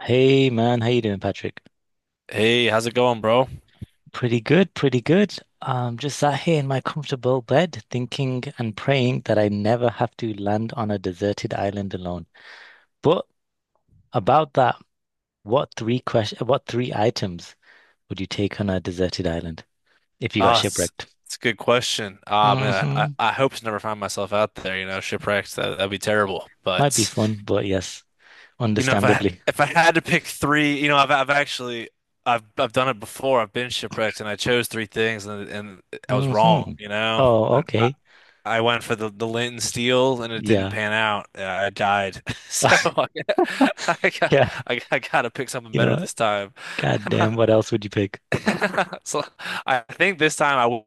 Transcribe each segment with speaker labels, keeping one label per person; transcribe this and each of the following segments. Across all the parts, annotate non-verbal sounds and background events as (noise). Speaker 1: Hey man, how you doing, Patrick?
Speaker 2: Hey, how's it going, bro?
Speaker 1: Pretty good, pretty good. Just sat here in my comfortable bed, thinking and praying that I never have to land on a deserted island alone. But about that, what three items would you take on a deserted island if you got
Speaker 2: Uh, it's,
Speaker 1: shipwrecked?
Speaker 2: it's a good question. Ah, man, I,
Speaker 1: Hmm.
Speaker 2: I, I hope to never find myself out there, shipwrecks. That'd be terrible.
Speaker 1: Might be
Speaker 2: But,
Speaker 1: fun, but yes,
Speaker 2: you know, if I
Speaker 1: understandably.
Speaker 2: if I had to pick three, I've actually I've done it before. I've been shipwrecked and I chose three things and I was wrong,
Speaker 1: Hmm.
Speaker 2: you know.
Speaker 1: Oh,
Speaker 2: I, I
Speaker 1: okay.
Speaker 2: I went for the lint and steel and it didn't
Speaker 1: Yeah.
Speaker 2: pan out. I died. (laughs) So
Speaker 1: (laughs)
Speaker 2: I got
Speaker 1: Yeah.
Speaker 2: I gotta pick something
Speaker 1: You know
Speaker 2: better
Speaker 1: what?
Speaker 2: this time.
Speaker 1: God
Speaker 2: (laughs)
Speaker 1: damn, what
Speaker 2: (laughs)
Speaker 1: else would you pick?
Speaker 2: So I think this time I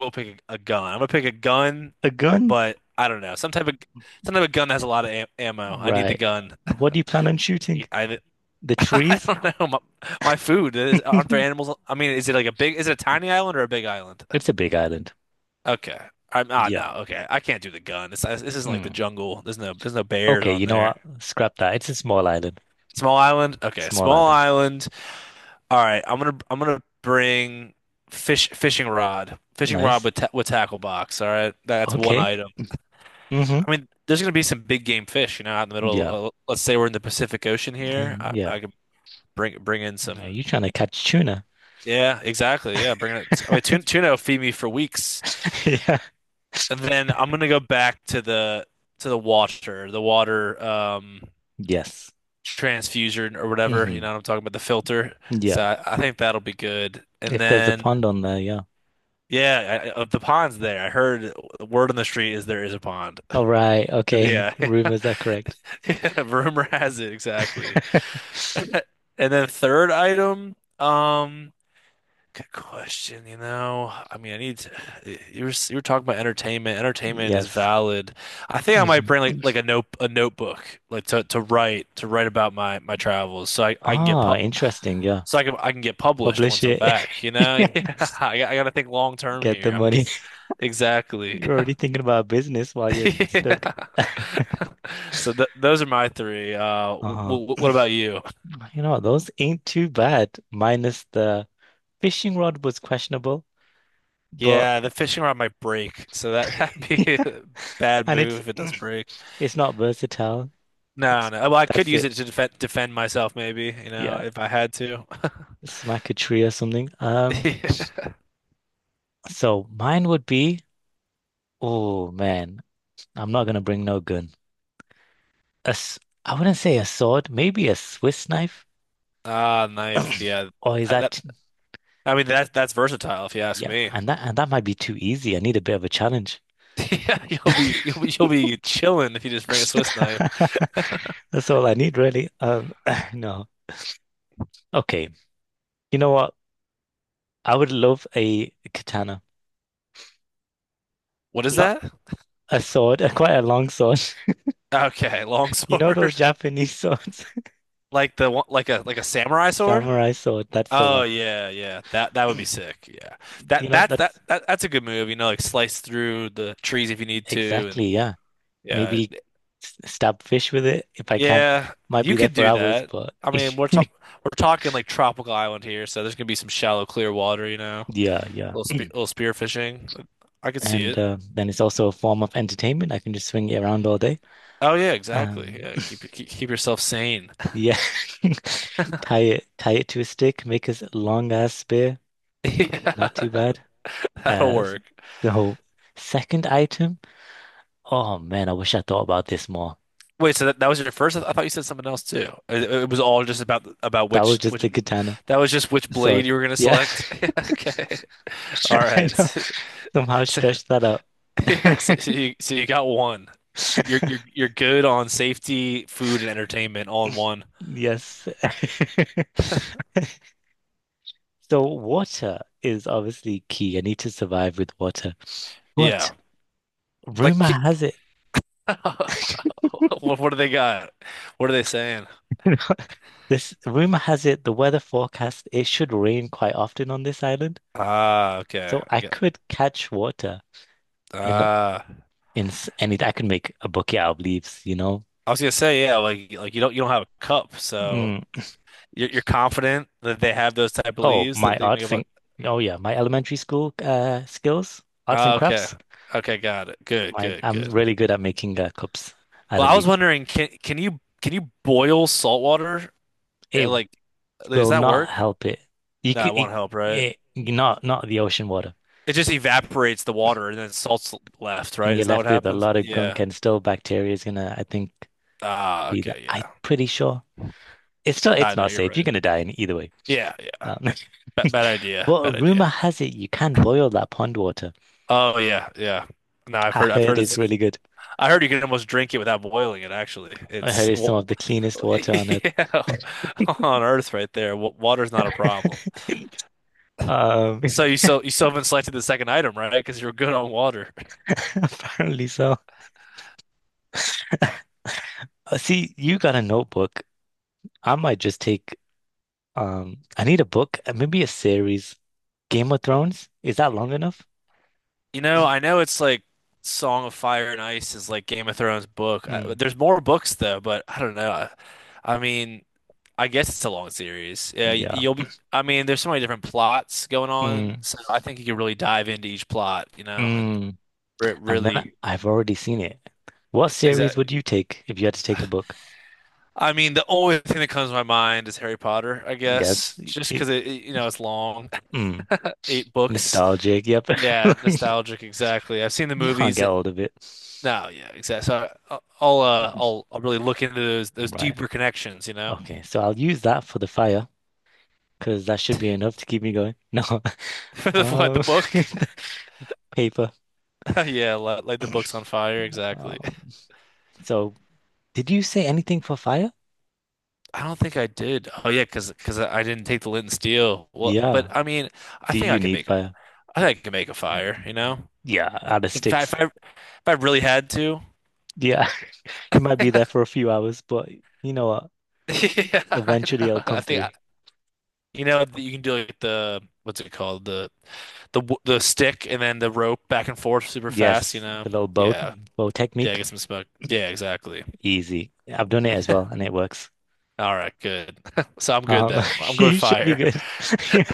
Speaker 2: will pick a gun. I'm gonna pick a gun,
Speaker 1: A gun?
Speaker 2: but I don't know. Some type of gun that has a lot of am ammo. I need the
Speaker 1: Right.
Speaker 2: gun.
Speaker 1: What do you plan on shooting?
Speaker 2: I,
Speaker 1: The
Speaker 2: (laughs) I
Speaker 1: trees?
Speaker 2: don't know. My food is, aren't there
Speaker 1: (laughs)
Speaker 2: animals? I mean, is it like a big? Is it a tiny island or a big island?
Speaker 1: It's a big island.
Speaker 2: Okay. I'm ah
Speaker 1: Yeah.
Speaker 2: No. Okay, I can't do the gun. This isn't like the
Speaker 1: Mm.
Speaker 2: jungle. There's no bears
Speaker 1: Okay,
Speaker 2: on
Speaker 1: you know
Speaker 2: there.
Speaker 1: what? Scrap that. It's a small island.
Speaker 2: Small island. Okay,
Speaker 1: Small
Speaker 2: small
Speaker 1: island.
Speaker 2: island. All right. I'm gonna bring fishing rod. Fishing rod
Speaker 1: Nice.
Speaker 2: with ta with tackle box. All right. That's one
Speaker 1: Okay.
Speaker 2: item.
Speaker 1: Hmm.
Speaker 2: I mean, there's going to be some big game fish, out in the
Speaker 1: Yeah.
Speaker 2: middle. Let's say we're in the Pacific Ocean here.
Speaker 1: Damn,
Speaker 2: I,
Speaker 1: yeah.
Speaker 2: I could bring in
Speaker 1: Are
Speaker 2: some.
Speaker 1: you trying to catch tuna?
Speaker 2: Yeah, exactly. Yeah, bring it. I mean, tuna,
Speaker 1: (laughs)
Speaker 2: tuna will feed me for weeks,
Speaker 1: Yeah.
Speaker 2: and then I'm going to go back to the water, the water,
Speaker 1: Yes.
Speaker 2: transfusion or whatever. You
Speaker 1: Hmm.
Speaker 2: know, what I'm talking about the filter. So
Speaker 1: Yeah.
Speaker 2: I think that'll be good. And
Speaker 1: If there's a
Speaker 2: then,
Speaker 1: pond on there, yeah.
Speaker 2: yeah, of the ponds there, I heard the word on the street is there is a pond. (laughs)
Speaker 1: All right. Okay.
Speaker 2: Yeah,
Speaker 1: (laughs)
Speaker 2: (laughs)
Speaker 1: Rumors are correct.
Speaker 2: yeah. Rumor has it exactly.
Speaker 1: (laughs)
Speaker 2: Uh, And then third item, good question, you know. I mean, I need to, you were talking about entertainment. Entertainment is
Speaker 1: Yes.
Speaker 2: valid. I think I might
Speaker 1: Mhm.
Speaker 2: bring like a notebook like to write about my travels
Speaker 1: Ah, interesting. Yeah.
Speaker 2: so I can get published
Speaker 1: Publish
Speaker 2: once I'm
Speaker 1: it.
Speaker 2: back, you
Speaker 1: (laughs)
Speaker 2: know? (laughs)
Speaker 1: Yeah.
Speaker 2: Yeah. I got to think long term
Speaker 1: Get the
Speaker 2: here. I'm get
Speaker 1: money.
Speaker 2: exactly.
Speaker 1: You're already thinking about business while
Speaker 2: (laughs)
Speaker 1: you're stuck.
Speaker 2: Yeah.
Speaker 1: (laughs)
Speaker 2: (laughs) So th those are my three. W
Speaker 1: Uh-huh.
Speaker 2: w What about you?
Speaker 1: You know, those ain't too bad, minus the fishing rod was questionable, but
Speaker 2: Yeah, the fishing rod might break, so that (laughs) that'd
Speaker 1: (laughs)
Speaker 2: be
Speaker 1: yeah.
Speaker 2: a bad
Speaker 1: And it's
Speaker 2: move if it does break.
Speaker 1: (clears throat) it's not versatile.
Speaker 2: No,
Speaker 1: It's
Speaker 2: no. Well, I could
Speaker 1: That's
Speaker 2: use it
Speaker 1: it.
Speaker 2: to defend myself, maybe, you know,
Speaker 1: Yeah.
Speaker 2: if I had to.
Speaker 1: Smack a tree or something. Um,
Speaker 2: (laughs)
Speaker 1: so mine would be, oh man, I'm not gonna bring no gun. A s I wouldn't say a sword, maybe a Swiss knife.
Speaker 2: Ah, knife. Yeah,
Speaker 1: (clears throat) Or is
Speaker 2: that, that-
Speaker 1: that,
Speaker 2: I mean that's versatile if you ask
Speaker 1: yeah,
Speaker 2: me.
Speaker 1: and that might be too easy. I need a bit of a challenge.
Speaker 2: (laughs) Yeah, you'll be chilling if you just bring a Swiss knife.
Speaker 1: (laughs) That's all I need, really. (laughs) (clears throat) No. Okay. You know what? I would love a katana.
Speaker 2: What is
Speaker 1: Not
Speaker 2: that?
Speaker 1: a sword, (laughs) a quite a long sword. (laughs)
Speaker 2: Okay, long
Speaker 1: You know those
Speaker 2: sword,
Speaker 1: Japanese swords?
Speaker 2: (laughs) like the one, like a samurai
Speaker 1: (laughs)
Speaker 2: sword.
Speaker 1: Samurai sword, that's the
Speaker 2: Oh
Speaker 1: one.
Speaker 2: yeah, yeah. That would be
Speaker 1: (clears throat)
Speaker 2: sick. Yeah.
Speaker 1: You
Speaker 2: That
Speaker 1: know,
Speaker 2: that's that,
Speaker 1: that's
Speaker 2: that that's a good move, like slice through the trees if you need to and
Speaker 1: exactly, yeah.
Speaker 2: yeah.
Speaker 1: Maybe stab fish with it if I can.
Speaker 2: Yeah,
Speaker 1: Might
Speaker 2: you
Speaker 1: be there
Speaker 2: could
Speaker 1: for
Speaker 2: do
Speaker 1: hours,
Speaker 2: that.
Speaker 1: but
Speaker 2: I mean,
Speaker 1: (laughs)
Speaker 2: we're talking like tropical island here, so there's gonna be some shallow clear water, you know.
Speaker 1: yeah, yeah.
Speaker 2: Little spear fishing. I could see
Speaker 1: And
Speaker 2: it.
Speaker 1: then it's also a form of entertainment. I can just swing it around all day.
Speaker 2: Oh yeah, exactly.
Speaker 1: Um,
Speaker 2: Yeah, keep yourself sane. (laughs)
Speaker 1: Yeah. (laughs) Tie it to a stick, make a long ass spear.
Speaker 2: Yeah,
Speaker 1: Not too bad.
Speaker 2: (laughs) that'll
Speaker 1: Uh,
Speaker 2: work.
Speaker 1: so second item. Oh man, I wish I thought about this more.
Speaker 2: Wait, so that was your first? I thought you said something else too. It was all just about
Speaker 1: That was
Speaker 2: which
Speaker 1: just
Speaker 2: which
Speaker 1: a katana.
Speaker 2: That was just which
Speaker 1: So
Speaker 2: blade you were going to
Speaker 1: yeah,
Speaker 2: select. (laughs) Okay. All
Speaker 1: (laughs) I
Speaker 2: right.
Speaker 1: know. Somehow
Speaker 2: (laughs) So,
Speaker 1: stretched that out.
Speaker 2: yeah, so you got one. You're you're
Speaker 1: (laughs)
Speaker 2: you're good on safety, food, and entertainment all in one.
Speaker 1: Yes. (laughs) So water is obviously key. I need to survive with water. But
Speaker 2: Yeah. Like
Speaker 1: rumor
Speaker 2: ki-
Speaker 1: has it.
Speaker 2: (laughs) what do they got? What are they saying?
Speaker 1: (laughs) This rumor has it the weather forecast it should rain quite often on this island,
Speaker 2: Ah, okay.
Speaker 1: so
Speaker 2: I
Speaker 1: I
Speaker 2: get
Speaker 1: could catch water in
Speaker 2: ah
Speaker 1: in and I could make a bouquet out of leaves.
Speaker 2: I was gonna say, yeah, like you don't have a cup, so
Speaker 1: Mm.
Speaker 2: you're confident that they have those type of
Speaker 1: Oh,
Speaker 2: leaves
Speaker 1: my
Speaker 2: that they make
Speaker 1: arts
Speaker 2: up.
Speaker 1: and Oh yeah, my elementary school skills, arts
Speaker 2: Ah,
Speaker 1: and
Speaker 2: okay.
Speaker 1: crafts.
Speaker 2: Okay, got it. Good,
Speaker 1: My
Speaker 2: good,
Speaker 1: I'm
Speaker 2: good.
Speaker 1: really good at making cups out
Speaker 2: Well,
Speaker 1: of
Speaker 2: I was
Speaker 1: leaves.
Speaker 2: wondering, can you boil salt water? Eh,
Speaker 1: It
Speaker 2: like, does
Speaker 1: will
Speaker 2: that
Speaker 1: not
Speaker 2: work?
Speaker 1: help it. You could
Speaker 2: That won't
Speaker 1: it,
Speaker 2: help, right?
Speaker 1: not the ocean water,
Speaker 2: It just evaporates the water and then salt's left,
Speaker 1: and
Speaker 2: right?
Speaker 1: you're
Speaker 2: Isn't that what
Speaker 1: left with a
Speaker 2: happens?
Speaker 1: lot of gunk
Speaker 2: Yeah.
Speaker 1: and still bacteria is gonna I think
Speaker 2: Ah,
Speaker 1: be there.
Speaker 2: okay,
Speaker 1: I'm
Speaker 2: yeah.
Speaker 1: pretty sure.
Speaker 2: Nah,
Speaker 1: It's
Speaker 2: no,
Speaker 1: not
Speaker 2: you're
Speaker 1: safe. You're
Speaker 2: right.
Speaker 1: gonna die in either way.
Speaker 2: Yeah, yeah.
Speaker 1: Um,
Speaker 2: Ba bad
Speaker 1: (laughs)
Speaker 2: idea.
Speaker 1: but
Speaker 2: Bad
Speaker 1: rumor
Speaker 2: idea.
Speaker 1: has it you can boil that pond water.
Speaker 2: Oh yeah, yeah. No, I've
Speaker 1: I
Speaker 2: heard. I've
Speaker 1: heard
Speaker 2: heard
Speaker 1: it's
Speaker 2: it's.
Speaker 1: really good.
Speaker 2: I heard you can almost drink it without boiling it. Actually,
Speaker 1: I heard
Speaker 2: it's.
Speaker 1: it's some
Speaker 2: Well,
Speaker 1: of the cleanest
Speaker 2: (laughs)
Speaker 1: water on earth.
Speaker 2: yeah, on Earth right there. Water's not a problem.
Speaker 1: (laughs) Um,
Speaker 2: So you still haven't selected the second item, right? Because you're good on water.
Speaker 1: (laughs) apparently so. See, you got a notebook. I might just take, I need a book, maybe a series. Game of Thrones? Is that long enough?
Speaker 2: You know, I know it's like Song of Fire and Ice is like Game of Thrones book. I,
Speaker 1: Mm,
Speaker 2: there's more books though, but I don't know. I mean, I guess it's a long series. Yeah,
Speaker 1: yeah.
Speaker 2: you'll be. I mean, there's so many different plots going on,
Speaker 1: Mm,
Speaker 2: so I think you could really dive into each plot, and
Speaker 1: mm.
Speaker 2: re
Speaker 1: And then
Speaker 2: really
Speaker 1: I've already seen it. What
Speaker 2: is
Speaker 1: series
Speaker 2: that.
Speaker 1: would you take if you had to take a book?
Speaker 2: I mean, the only thing that comes to my mind is Harry Potter, I
Speaker 1: Yes.
Speaker 2: guess, just
Speaker 1: It,
Speaker 2: because it's long,
Speaker 1: hmm.
Speaker 2: (laughs) eight books.
Speaker 1: Nostalgic, yep.
Speaker 2: Yeah,
Speaker 1: (laughs)
Speaker 2: nostalgic, exactly. I've seen the
Speaker 1: You can't
Speaker 2: movies.
Speaker 1: get hold of it.
Speaker 2: No, yeah, exactly. So I'll really look into those deeper
Speaker 1: Right.
Speaker 2: connections, you know,
Speaker 1: Okay, so I'll use that for the fire because that should be enough to keep me going. No. (laughs)
Speaker 2: (laughs) for the what the
Speaker 1: Um,
Speaker 2: book. (laughs)
Speaker 1: (laughs) paper.
Speaker 2: Yeah, light the books on fire. Exactly.
Speaker 1: Um, so did you say anything for fire?
Speaker 2: I don't think I did. Oh yeah, because I didn't take the lint and steel. Well, but
Speaker 1: Yeah.
Speaker 2: I mean, I
Speaker 1: Do
Speaker 2: think I
Speaker 1: you
Speaker 2: can
Speaker 1: need
Speaker 2: make
Speaker 1: fire?
Speaker 2: I think I can make a fire. You know,
Speaker 1: Yeah, out of
Speaker 2: if I
Speaker 1: sticks.
Speaker 2: if I, if I really had to.
Speaker 1: Yeah. (laughs) You might be there for a few hours, but you know what?
Speaker 2: (laughs) Yeah, I
Speaker 1: Eventually it'll
Speaker 2: know.
Speaker 1: come through.
Speaker 2: You know you can do like the what's it called the stick and then the rope back and forth super fast. You
Speaker 1: Yes,
Speaker 2: know.
Speaker 1: the little bow
Speaker 2: Yeah.
Speaker 1: bow
Speaker 2: Yeah,
Speaker 1: technique.
Speaker 2: get some smoke. Yeah, exactly.
Speaker 1: Easy. I've done it as well and it works.
Speaker 2: All right, good. (laughs) So I'm good
Speaker 1: Um,
Speaker 2: then.
Speaker 1: (laughs)
Speaker 2: I'm going
Speaker 1: you should be
Speaker 2: fire. (laughs)
Speaker 1: good. (laughs) Yeah.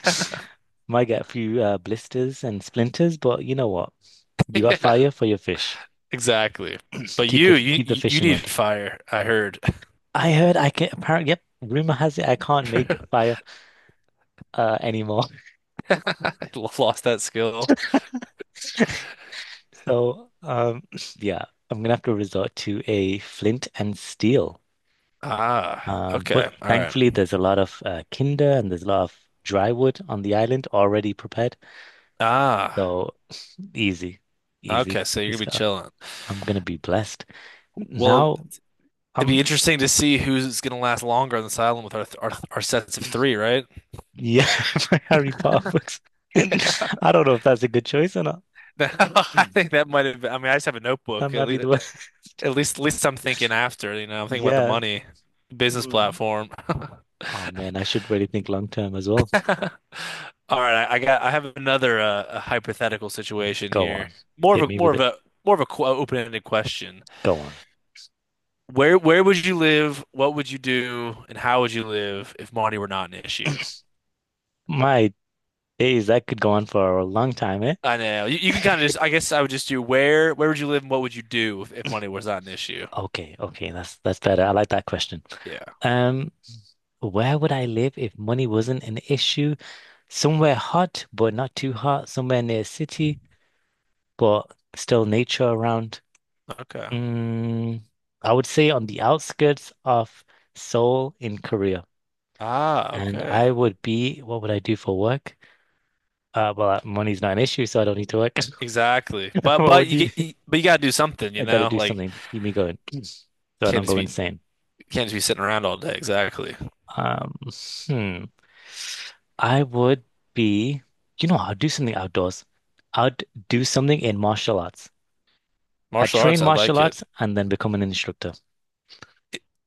Speaker 1: Might get a few blisters and splinters, but you know what? You got
Speaker 2: Yeah,
Speaker 1: fire for your fish.
Speaker 2: exactly. But
Speaker 1: Keep the
Speaker 2: you, you,
Speaker 1: keep the
Speaker 2: you you
Speaker 1: fishing
Speaker 2: need
Speaker 1: rod.
Speaker 2: fire. I heard.
Speaker 1: I heard I can apparently, yep, rumor has it I can't
Speaker 2: (laughs)
Speaker 1: make
Speaker 2: I
Speaker 1: fire anymore. (laughs)
Speaker 2: lost that skill.
Speaker 1: So (sniffs) yeah, I'm gonna have to resort to a flint and steel.
Speaker 2: Ah,
Speaker 1: But
Speaker 2: okay. All right.
Speaker 1: thankfully there's a lot of tinder and there's a lot of dry wood on the island already prepared.
Speaker 2: Ah,
Speaker 1: So easy,
Speaker 2: okay.
Speaker 1: easy.
Speaker 2: So you're gonna
Speaker 1: Just
Speaker 2: be
Speaker 1: go.
Speaker 2: chilling.
Speaker 1: I'm gonna be blessed.
Speaker 2: Well,
Speaker 1: Now
Speaker 2: it'd
Speaker 1: I'm
Speaker 2: be interesting to see who's gonna last longer on this island with our sets of three, right? (laughs)
Speaker 1: yeah, (laughs) my Harry Potter books.
Speaker 2: Yeah.
Speaker 1: (laughs) I don't know if that's a good choice or not. (clears throat)
Speaker 2: (laughs) I
Speaker 1: Mm.
Speaker 2: think that might have. I mean, I just have a
Speaker 1: That
Speaker 2: notebook. At
Speaker 1: might be
Speaker 2: least,
Speaker 1: the way.
Speaker 2: At least, at least I'm thinking after, I'm thinking about the
Speaker 1: (laughs) Yeah.
Speaker 2: money, business
Speaker 1: Mm.
Speaker 2: platform. (laughs)
Speaker 1: Oh man,
Speaker 2: (laughs)
Speaker 1: I should really think long term as well.
Speaker 2: All right, I have another a hypothetical situation
Speaker 1: Go
Speaker 2: here.
Speaker 1: on.
Speaker 2: More of
Speaker 1: Hit
Speaker 2: a,
Speaker 1: me
Speaker 2: more
Speaker 1: with
Speaker 2: of
Speaker 1: it.
Speaker 2: a, more of a qu open-ended question.
Speaker 1: Go on.
Speaker 2: Where would you live? What would you do? And how would you live if money were not an issue?
Speaker 1: My days, that could go on for a long time, eh?
Speaker 2: I know you can kind of just, I guess I would just do where would you live and what would you do if money was not an issue?
Speaker 1: Okay, okay, that's better. I like that question.
Speaker 2: Yeah.
Speaker 1: Um, where would I live if money wasn't an issue? Somewhere hot, but not too hot, somewhere near a city, but still nature around.
Speaker 2: Okay.
Speaker 1: Mm, I would say on the outskirts of Seoul in Korea.
Speaker 2: Ah,
Speaker 1: And
Speaker 2: okay.
Speaker 1: I would be, what would I do for work? Well, money's not an issue, so I don't need to work.
Speaker 2: Exactly.
Speaker 1: (laughs)
Speaker 2: But
Speaker 1: What
Speaker 2: but
Speaker 1: would you do?
Speaker 2: but you gotta do something, you
Speaker 1: I gotta
Speaker 2: know?
Speaker 1: do
Speaker 2: Like
Speaker 1: something to keep me going (clears throat) so I
Speaker 2: Can't
Speaker 1: don't
Speaker 2: just
Speaker 1: go
Speaker 2: be
Speaker 1: insane.
Speaker 2: can't just be sitting around all day. Exactly.
Speaker 1: Um, hmm. I would be, I'd do something outdoors. I'd do something in martial arts. I
Speaker 2: Martial
Speaker 1: train
Speaker 2: arts, I like
Speaker 1: martial
Speaker 2: it.
Speaker 1: arts and then become an instructor.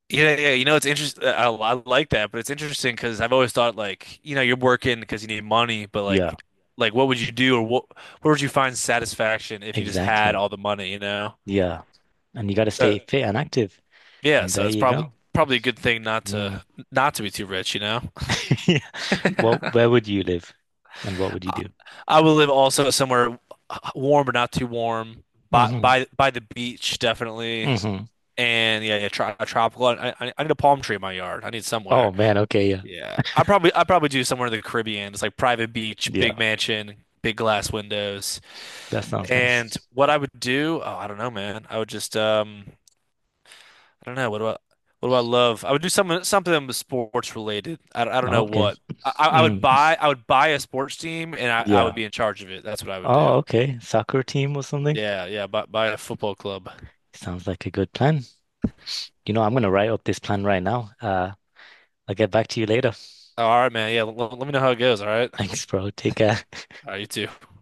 Speaker 2: Yeah, yeah. You know, it's interesting. I like that, but it's interesting because I've always thought like, you're working because you need money, but
Speaker 1: Yeah,
Speaker 2: like what would you do or what where would you find satisfaction if you just had
Speaker 1: exactly.
Speaker 2: all the money, you know?
Speaker 1: Yeah, and you got to
Speaker 2: So
Speaker 1: stay fit and active.
Speaker 2: yeah,
Speaker 1: And
Speaker 2: so
Speaker 1: there
Speaker 2: it's
Speaker 1: you
Speaker 2: probably
Speaker 1: go.
Speaker 2: probably a good thing not
Speaker 1: Yeah.
Speaker 2: to
Speaker 1: (laughs)
Speaker 2: not to be too rich, you know?
Speaker 1: Yeah. Well, where would you live and what would you
Speaker 2: I,
Speaker 1: do?
Speaker 2: I would live also somewhere warm but not too warm, by
Speaker 1: Hmm.
Speaker 2: by by the beach, definitely.
Speaker 1: Hmm.
Speaker 2: And yeah, yeah, a tropical. I need a palm tree in my yard. I need somewhere.
Speaker 1: Oh man, okay, yeah.
Speaker 2: Yeah. I probably do somewhere in the Caribbean. It's like private beach,
Speaker 1: Yeah,
Speaker 2: big mansion, big glass windows.
Speaker 1: that sounds
Speaker 2: And
Speaker 1: nice.
Speaker 2: what I would do, oh, I don't know, man. I would just I don't know. What do I love? I would do something that was sports related. I don't
Speaker 1: Oh,
Speaker 2: know
Speaker 1: okay.
Speaker 2: what. I, I I would
Speaker 1: Mm,
Speaker 2: buy I would buy a sports team and I would
Speaker 1: yeah.
Speaker 2: be in charge of it. That's what I would do.
Speaker 1: Oh, okay. Soccer team or something?
Speaker 2: Yeah, yeah, buy a football club.
Speaker 1: Sounds like a good plan. You know, I'm gonna write up this plan right now. I'll get back to you later.
Speaker 2: All right, man. Yeah, let me know how it goes. All right.
Speaker 1: (laughs) Thanks, bro. Take care.
Speaker 2: All right, you too.